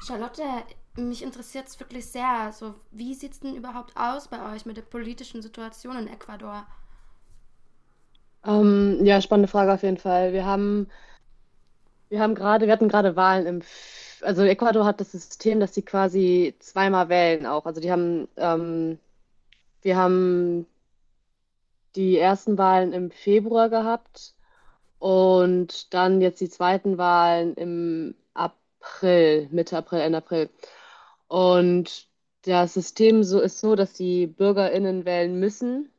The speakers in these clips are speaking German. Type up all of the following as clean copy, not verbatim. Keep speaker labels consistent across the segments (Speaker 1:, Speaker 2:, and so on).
Speaker 1: Charlotte, mich interessiert es wirklich sehr. So, wie sieht es denn überhaupt aus bei euch mit der politischen Situation in Ecuador?
Speaker 2: Ja, spannende Frage auf jeden Fall. Wir hatten gerade Wahlen also Ecuador hat das System, dass sie quasi zweimal wählen auch. Wir haben die ersten Wahlen im Februar gehabt und dann jetzt die zweiten Wahlen im April, Mitte April, Ende April. Und das System so ist so, dass die BürgerInnen wählen müssen,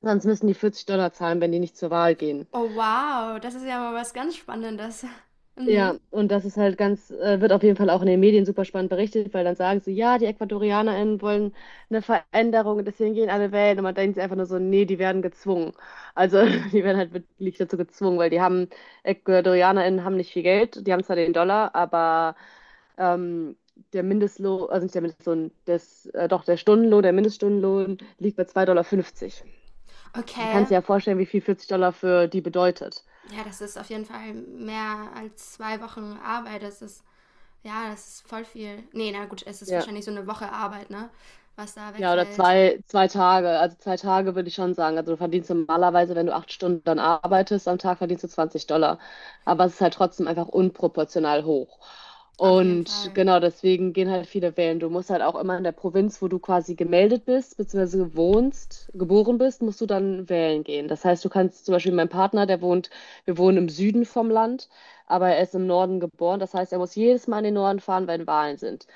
Speaker 2: sonst müssen die $40 zahlen, wenn die nicht zur Wahl gehen.
Speaker 1: Oh wow, das ist ja mal was ganz Spannendes.
Speaker 2: Ja,
Speaker 1: Mhm.
Speaker 2: und das ist halt ganz, wird auf jeden Fall auch in den Medien super spannend berichtet, weil dann sagen sie, ja, die EcuadorianerInnen wollen eine Veränderung und deswegen gehen alle wählen. Und man denkt sich einfach nur so, nee, die werden gezwungen. Also die werden halt wirklich dazu gezwungen, weil EcuadorianerInnen haben nicht viel Geld, die haben zwar den Dollar, aber ähm, der Mindestlohn, also nicht der Mindestlohn, das, doch der Stundenlohn, der Mindeststundenlohn liegt bei $2,50. Dann
Speaker 1: Okay.
Speaker 2: kannst du dir ja vorstellen, wie viel $40 für die bedeutet.
Speaker 1: Ja, das ist auf jeden Fall mehr als 2 Wochen Arbeit. Ja, das ist voll viel. Nee, na gut, es ist
Speaker 2: Ja.
Speaker 1: wahrscheinlich so eine Woche Arbeit, ne? Was da
Speaker 2: Ja, oder
Speaker 1: wegfällt.
Speaker 2: zwei, zwei Tage. Also 2 Tage würde ich schon sagen. Also du verdienst normalerweise, wenn du 8 Stunden dann arbeitest, am Tag verdienst du $20. Aber es ist halt trotzdem einfach unproportional hoch.
Speaker 1: Auf jeden
Speaker 2: Und
Speaker 1: Fall.
Speaker 2: genau deswegen gehen halt viele wählen. Du musst halt auch immer in der Provinz, wo du quasi gemeldet bist, beziehungsweise wohnst, geboren bist, musst du dann wählen gehen. Das heißt, du kannst zum Beispiel mein Partner, der wohnt, wir wohnen im Süden vom Land, aber er ist im Norden geboren. Das heißt, er muss jedes Mal in den Norden fahren, wenn Wahlen sind.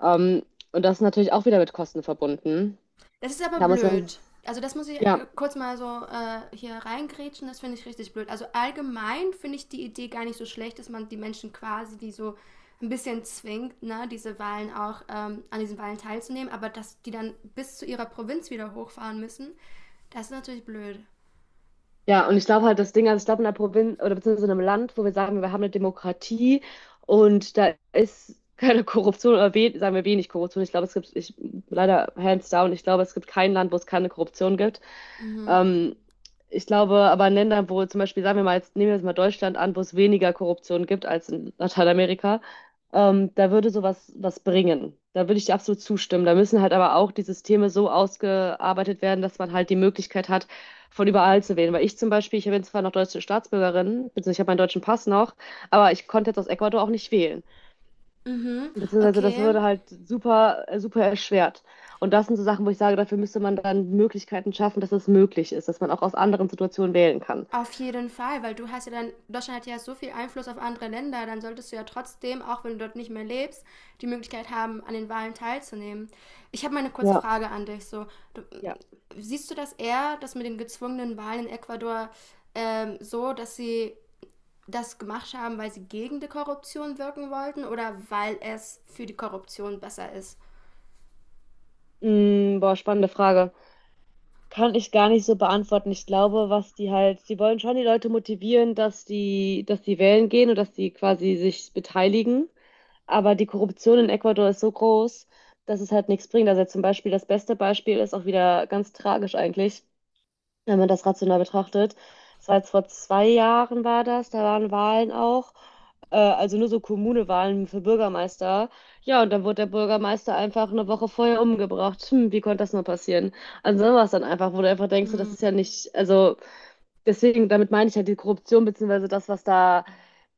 Speaker 2: Ähm, und das ist natürlich auch wieder mit Kosten verbunden.
Speaker 1: Das ist aber
Speaker 2: Da muss man,
Speaker 1: blöd. Also das muss ich
Speaker 2: ja,
Speaker 1: kurz mal so hier reingrätschen, das finde ich richtig blöd. Also allgemein finde ich die Idee gar nicht so schlecht, dass man die Menschen quasi, die so ein bisschen zwingt, ne, diese Wahlen auch an diesen Wahlen teilzunehmen, aber dass die dann bis zu ihrer Provinz wieder hochfahren müssen, das ist natürlich blöd.
Speaker 2: ja, und ich glaube halt, das Ding, also ich glaube, in einer Provinz oder beziehungsweise in einem Land, wo wir sagen, wir haben eine Demokratie und da ist keine Korruption oder we sagen wir wenig Korruption. Ich glaube, es gibt, leider hands down, ich glaube, es gibt kein Land, wo es keine Korruption gibt.
Speaker 1: Mhm.
Speaker 2: Ähm, Ich glaube, aber in Ländern, wo zum Beispiel, sagen wir mal, jetzt nehmen wir jetzt mal Deutschland an, wo es weniger Korruption gibt als in Lateinamerika, da würde sowas was bringen. Da würde ich dir absolut zustimmen. Da müssen halt aber auch die Systeme so ausgearbeitet werden, dass man halt die Möglichkeit hat, von überall zu wählen. Weil ich zum Beispiel, ich bin zwar noch deutsche Staatsbürgerin, beziehungsweise ich habe meinen deutschen Pass noch, aber ich konnte jetzt aus Ecuador auch nicht wählen.
Speaker 1: Mhm.
Speaker 2: Beziehungsweise das
Speaker 1: Okay.
Speaker 2: würde halt super, super erschwert. Und das sind so Sachen, wo ich sage, dafür müsste man dann Möglichkeiten schaffen, dass es möglich ist, dass man auch aus anderen Situationen wählen kann.
Speaker 1: Auf jeden Fall, weil du hast ja dann, Deutschland hat ja so viel Einfluss auf andere Länder, dann solltest du ja trotzdem, auch wenn du dort nicht mehr lebst, die Möglichkeit haben, an den Wahlen teilzunehmen. Ich habe mal eine kurze
Speaker 2: Ja.
Speaker 1: Frage an dich. So, du,
Speaker 2: Ja.
Speaker 1: siehst du das eher, dass mit den gezwungenen Wahlen in Ecuador so, dass sie das gemacht haben, weil sie gegen die Korruption wirken wollten oder weil es für die Korruption besser ist?
Speaker 2: Mm, boah, spannende Frage. Kann ich gar nicht so beantworten. Ich glaube, was die halt, sie wollen schon die Leute motivieren, dass die wählen gehen und dass die quasi sich beteiligen. Aber die Korruption in Ecuador ist so groß, dass es halt nichts bringt. Also zum Beispiel das beste Beispiel ist auch wieder ganz tragisch eigentlich, wenn man das rational betrachtet. Es war jetzt vor 2 Jahren war das, da waren Wahlen auch also nur so Kommunewahlen für Bürgermeister. Ja, und dann wurde der Bürgermeister einfach eine Woche vorher umgebracht. Hm, wie konnte das nur passieren? Also sowas dann einfach, wo du einfach denkst, so, das
Speaker 1: Mm.
Speaker 2: ist ja nicht, also deswegen, damit meine ich halt die Korruption, beziehungsweise das, was da,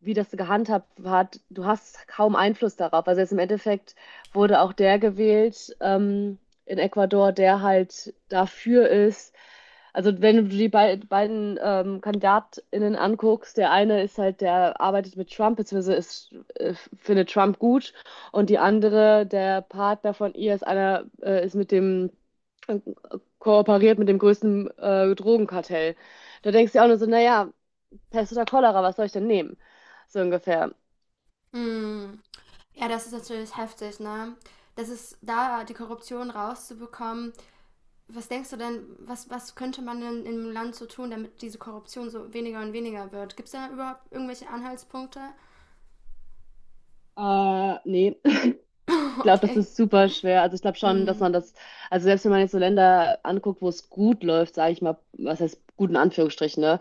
Speaker 2: wie das gehandhabt hat, du hast kaum Einfluss darauf. Also jetzt im Endeffekt wurde auch der gewählt, in Ecuador, der halt dafür ist. Also wenn du die beiden KandidatInnen anguckst, der eine ist halt, der arbeitet mit Trump, beziehungsweise ist, findet Trump gut und die andere, der Partner von ihr ist einer, ist mit dem, äh, kooperiert mit dem größten Drogenkartell. Da denkst du auch nur so, naja, Pest oder Cholera, was soll ich denn nehmen? So ungefähr.
Speaker 1: Mm. Ja, das ist natürlich heftig, ne? Das ist da, die Korruption rauszubekommen. Was denkst du denn, was könnte man denn im Land so tun, damit diese Korruption so weniger und weniger wird? Gibt es da überhaupt irgendwelche Anhaltspunkte?
Speaker 2: Nee, ich glaube, das
Speaker 1: Okay.
Speaker 2: ist super schwer. Also ich glaube schon, dass
Speaker 1: Hm,
Speaker 2: man das, also selbst wenn man jetzt so Länder anguckt, wo es gut läuft, sage ich mal, was heißt gut in Anführungsstrichen, ne?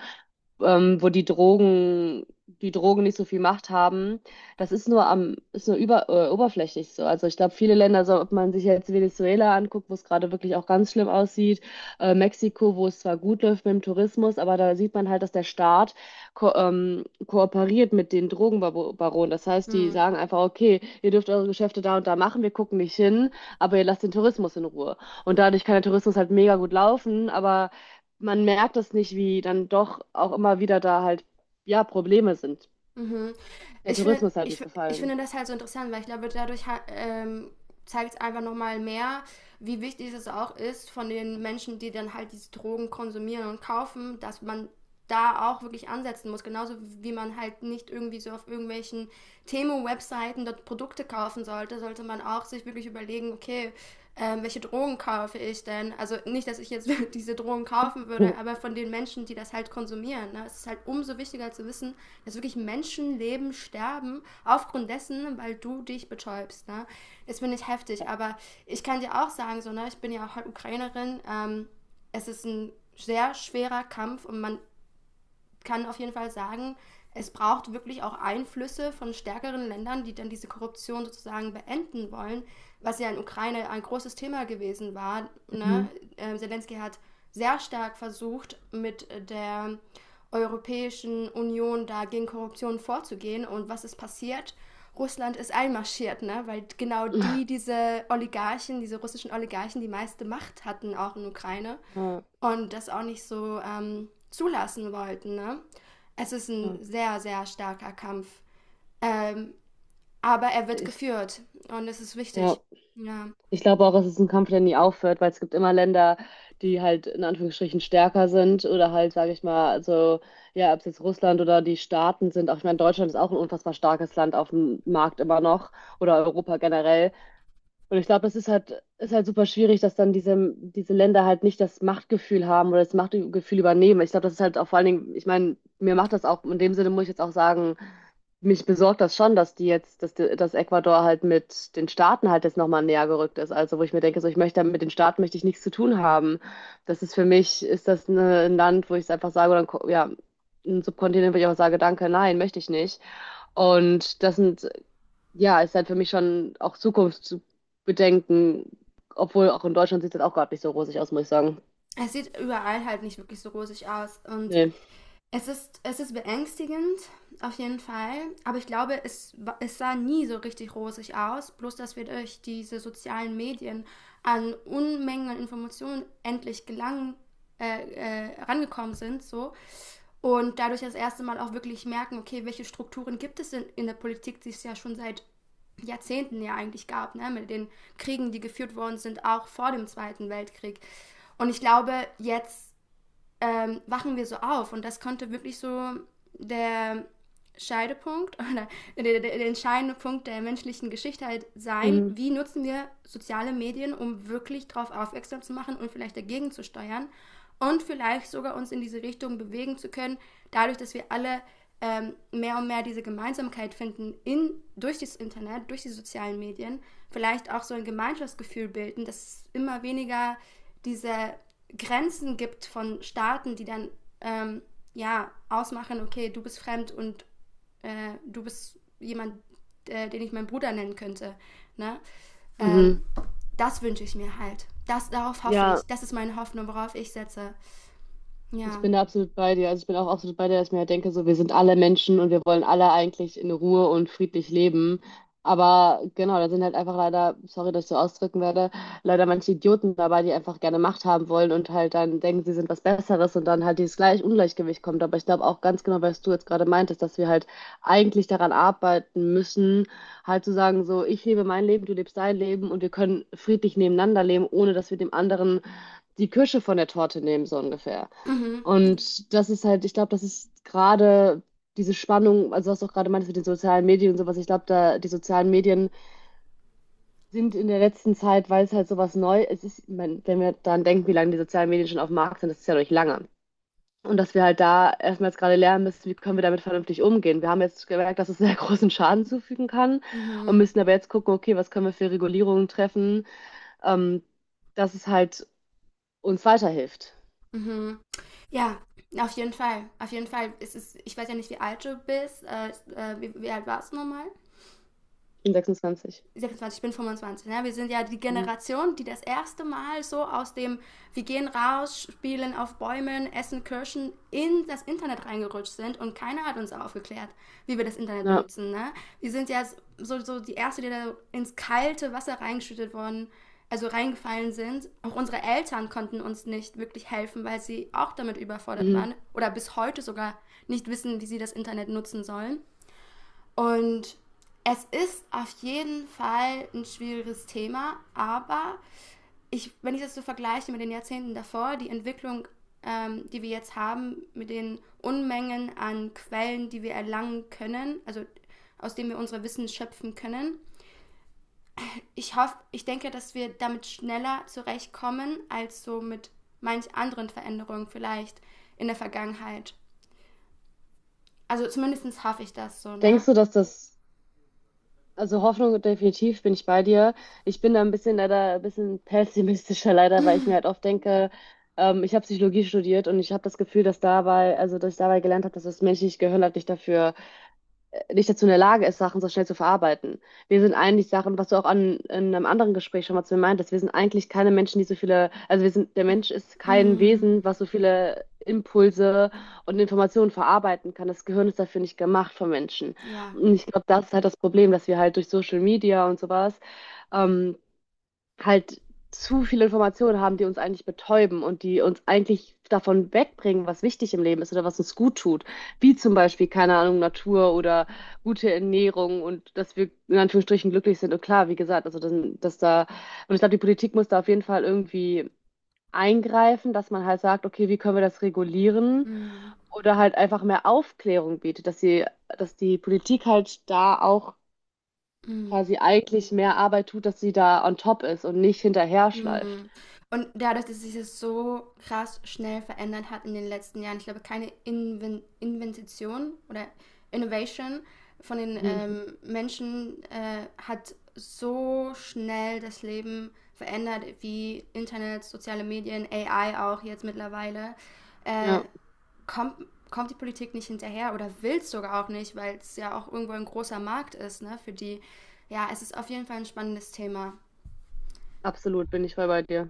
Speaker 2: Wo die Drogen nicht so viel Macht haben, das ist nur am, ist nur über, oberflächlich so. Also ich glaube, viele Länder, so, ob man sich jetzt Venezuela anguckt, wo es gerade wirklich auch ganz schlimm aussieht, Mexiko, wo es zwar gut läuft mit dem Tourismus, aber da sieht man halt, dass der Staat ko kooperiert mit den Drogenbaronen. Das heißt, die
Speaker 1: hm.
Speaker 2: sagen einfach, okay, ihr dürft eure Geschäfte da und da machen, wir gucken nicht hin, aber ihr lasst den Tourismus in Ruhe. Und dadurch kann der Tourismus halt mega gut laufen, aber man merkt das nicht, wie dann doch auch immer wieder da halt, ja, Probleme sind.
Speaker 1: Mhm.
Speaker 2: Der
Speaker 1: Ich, finde,
Speaker 2: Tourismus halt
Speaker 1: ich,
Speaker 2: nicht
Speaker 1: ich
Speaker 2: gefallen.
Speaker 1: finde das halt so interessant, weil ich glaube, dadurch zeigt es einfach nochmal mehr, wie wichtig es auch ist von den Menschen, die dann halt diese Drogen konsumieren und kaufen, dass man da auch wirklich ansetzen muss. Genauso wie man halt nicht irgendwie so auf irgendwelchen Themo-Webseiten dort Produkte kaufen sollte, sollte man auch sich wirklich überlegen, okay, welche Drogen kaufe ich denn? Also nicht, dass ich jetzt diese Drogen kaufen würde, aber von den Menschen, die das halt konsumieren. Ne? Es ist halt umso wichtiger zu wissen, dass wirklich Menschenleben sterben, aufgrund dessen, weil du dich betäubst. Ne? Das finde ich heftig,
Speaker 2: Ja.
Speaker 1: aber ich kann dir auch sagen, so, ne, ich bin ja auch halt Ukrainerin. Es ist ein sehr schwerer Kampf und man kann auf jeden Fall sagen, es braucht wirklich auch Einflüsse von stärkeren Ländern, die dann diese Korruption sozusagen beenden wollen, was ja in Ukraine ein großes Thema gewesen war. Ne?
Speaker 2: Mhm.
Speaker 1: Zelensky hat sehr stark versucht, mit der Europäischen Union da gegen Korruption vorzugehen. Und was ist passiert? Russland ist einmarschiert, ne? Weil genau die, diese Oligarchen, diese russischen Oligarchen, die meiste Macht hatten, auch in Ukraine
Speaker 2: Ja,
Speaker 1: und das auch nicht so zulassen wollten. Ne? Es ist ein
Speaker 2: ja.
Speaker 1: sehr, sehr starker Kampf. Ähm, aber er wird
Speaker 2: Ich,
Speaker 1: geführt und es ist
Speaker 2: ja.
Speaker 1: wichtig. Ja.
Speaker 2: Ich glaube auch, es ist ein Kampf, der nie aufhört, weil es gibt immer Länder, die halt in Anführungsstrichen stärker sind oder halt, sage ich mal, also ja, ob es jetzt Russland oder die Staaten sind. Auch ich meine, Deutschland ist auch ein unfassbar starkes Land auf dem Markt immer noch oder Europa generell. Und ich glaube, es ist halt super schwierig, dass dann diese Länder halt nicht das Machtgefühl haben oder das Machtgefühl übernehmen. Ich glaube, das ist halt auch vor allen Dingen, ich meine, mir macht das auch, in dem Sinne muss ich jetzt auch sagen, mich besorgt das schon, dass die jetzt, dass, die- dass Ecuador halt mit den Staaten halt jetzt nochmal näher gerückt ist. Also wo ich mir denke, so ich möchte mit den Staaten möchte ich nichts zu tun haben. Das ist für mich, ist das ne, ein Land, wo ich es einfach sage, oder ja, ein Subkontinent, wo ich auch sage, danke, nein, möchte ich nicht. Und das sind ja, ist halt für mich schon auch Zukunft zu bedenken, obwohl auch in Deutschland sieht das auch gerade nicht so rosig aus, muss ich sagen.
Speaker 1: Es sieht überall halt nicht wirklich so rosig aus und
Speaker 2: Nee.
Speaker 1: es ist beängstigend, auf jeden Fall. Aber ich glaube, es sah nie so richtig rosig aus. Bloß, dass wir durch diese sozialen Medien an Unmengen an Informationen endlich gelangen, äh, rangekommen sind, so. Und dadurch das erste Mal auch wirklich merken, okay, welche Strukturen gibt es denn in der Politik, die es ja schon seit Jahrzehnten ja eigentlich gab, ne? Mit den Kriegen, die geführt worden sind, auch vor dem Zweiten Weltkrieg. Und ich glaube, jetzt wachen wir so auf. Und das konnte wirklich so der Scheidepunkt oder der entscheidende Punkt der menschlichen Geschichte halt sein,
Speaker 2: Mhm.
Speaker 1: wie nutzen wir soziale Medien, um wirklich darauf aufmerksam zu machen und vielleicht dagegen zu steuern und vielleicht sogar uns in diese Richtung bewegen zu können, dadurch, dass wir alle mehr und mehr diese Gemeinsamkeit finden in, durch das Internet, durch die sozialen Medien, vielleicht auch so ein Gemeinschaftsgefühl bilden, dass es immer weniger diese Grenzen gibt von Staaten, die dann ähm, ja ausmachen, okay, du bist fremd und du bist jemand, den ich meinen Bruder nennen könnte. Ne?
Speaker 2: Mhm.
Speaker 1: Ähm, Das wünsche ich mir halt. Darauf hoffe
Speaker 2: Ja.
Speaker 1: ich. Das ist meine Hoffnung, worauf ich setze.
Speaker 2: Ich
Speaker 1: Ja.
Speaker 2: bin da absolut bei dir. Also ich bin auch absolut bei dir, dass ich mir halt denke, so wir sind alle Menschen und wir wollen alle eigentlich in Ruhe und friedlich leben. Aber genau, da sind halt einfach leider, sorry, dass ich so ausdrücken werde, leider manche Idioten dabei, die einfach gerne Macht haben wollen und halt dann denken, sie sind was Besseres und dann halt dieses gleich Ungleichgewicht kommt. Aber ich glaube auch ganz genau, was du jetzt gerade meintest, dass wir halt eigentlich daran arbeiten müssen, halt zu sagen, so ich lebe mein Leben, du lebst dein Leben und wir können friedlich nebeneinander leben, ohne dass wir dem anderen die Kirsche von der Torte nehmen, so ungefähr.
Speaker 1: Mhm.
Speaker 2: Und das ist halt, ich glaube, das ist gerade diese Spannung, also was du auch gerade meintest mit den sozialen Medien und sowas, ich glaube, da die sozialen Medien sind in der letzten Zeit, weil es halt sowas neu es ist, ich mein, wenn wir daran denken, wie lange die sozialen Medien schon auf dem Markt sind, das ist ja noch nicht lange. Und dass wir halt da erstmal jetzt gerade lernen müssen, wie können wir damit vernünftig umgehen. Wir haben jetzt gemerkt, dass es sehr großen Schaden zufügen kann und
Speaker 1: Mhm.
Speaker 2: müssen aber jetzt gucken, okay, was können wir für Regulierungen treffen, ähm, dass es halt uns weiterhilft.
Speaker 1: Mhm. Ja, auf jeden Fall. Auf jeden Fall. Ich weiß ja nicht, wie alt du bist. Wie alt warst du nochmal?
Speaker 2: Ich bin 26.
Speaker 1: 26, ich bin 25. Ne? Wir sind ja die
Speaker 2: Mhm.
Speaker 1: Generation, die das erste Mal so wir gehen raus, spielen auf Bäumen, essen Kirschen, in das Internet reingerutscht sind und keiner hat uns aufgeklärt, wie wir das Internet
Speaker 2: Ja.
Speaker 1: benutzen. Ne? Wir sind ja so die Erste, die da ins kalte Wasser reingeschüttet worden, also reingefallen sind. Auch unsere Eltern konnten uns nicht wirklich helfen, weil sie auch damit überfordert
Speaker 2: Mhm.
Speaker 1: waren oder bis heute sogar nicht wissen, wie sie das Internet nutzen sollen. Und es ist auf jeden Fall ein schwieriges Thema, aber wenn ich das so vergleiche mit den Jahrzehnten davor, die Entwicklung, die wir jetzt haben, mit den Unmengen an Quellen, die wir erlangen können, also aus denen wir unser Wissen schöpfen können, ich hoffe, ich denke, dass wir damit schneller zurechtkommen als so mit manch anderen Veränderungen vielleicht in der Vergangenheit. Also zumindest hoffe ich das so, ne?
Speaker 2: Denkst du, dass das? Also Hoffnung definitiv bin ich bei dir. Ich bin da ein bisschen leider ein bisschen pessimistischer leider, weil ich mir halt oft denke, ich habe Psychologie studiert und ich habe das Gefühl, dass dabei, also dass ich dabei gelernt habe, dass das menschliche Gehirn halt nicht dafür nicht dazu in der Lage ist, Sachen so schnell zu verarbeiten. Wir sind eigentlich Sachen, was du auch an, in einem anderen Gespräch schon mal zu mir meintest, wir sind eigentlich keine Menschen, die so viele, also wir sind, der Mensch ist kein
Speaker 1: Mm,
Speaker 2: Wesen, was so viele Impulse und Informationen verarbeiten kann. Das Gehirn ist dafür nicht gemacht von Menschen.
Speaker 1: ja.
Speaker 2: Und ich glaube, das ist halt das Problem, dass wir halt durch Social Media und sowas, ähm, halt zu viele Informationen haben, die uns eigentlich betäuben und die uns eigentlich davon wegbringen, was wichtig im Leben ist oder was uns gut tut. Wie zum Beispiel, keine Ahnung, Natur oder gute Ernährung und dass wir in Anführungsstrichen glücklich sind. Und klar, wie gesagt, also dass, dass da, und ich glaube, die Politik muss da auf jeden Fall irgendwie eingreifen, dass man halt sagt, okay, wie können wir das regulieren?
Speaker 1: Mm.
Speaker 2: Oder halt einfach mehr Aufklärung bietet, dass sie, dass die Politik halt da auch
Speaker 1: Mhm.
Speaker 2: quasi eigentlich mehr Arbeit tut, dass sie da on top ist und nicht hinterher schleift.
Speaker 1: Mhm. Und dadurch, dass sich das so krass schnell verändert hat in den letzten Jahren, ich glaube, keine Invention oder Innovation von den
Speaker 2: Mhm.
Speaker 1: Menschen hat so schnell das Leben verändert, wie Internet, soziale Medien, AI auch jetzt mittlerweile. Äh,
Speaker 2: Ja,
Speaker 1: kommt die Politik nicht hinterher oder will es sogar auch nicht, weil es ja auch irgendwo ein großer Markt ist, ne, für die. Ja, es ist auf jeden Fall ein spannendes Thema.
Speaker 2: absolut, bin ich voll bei dir.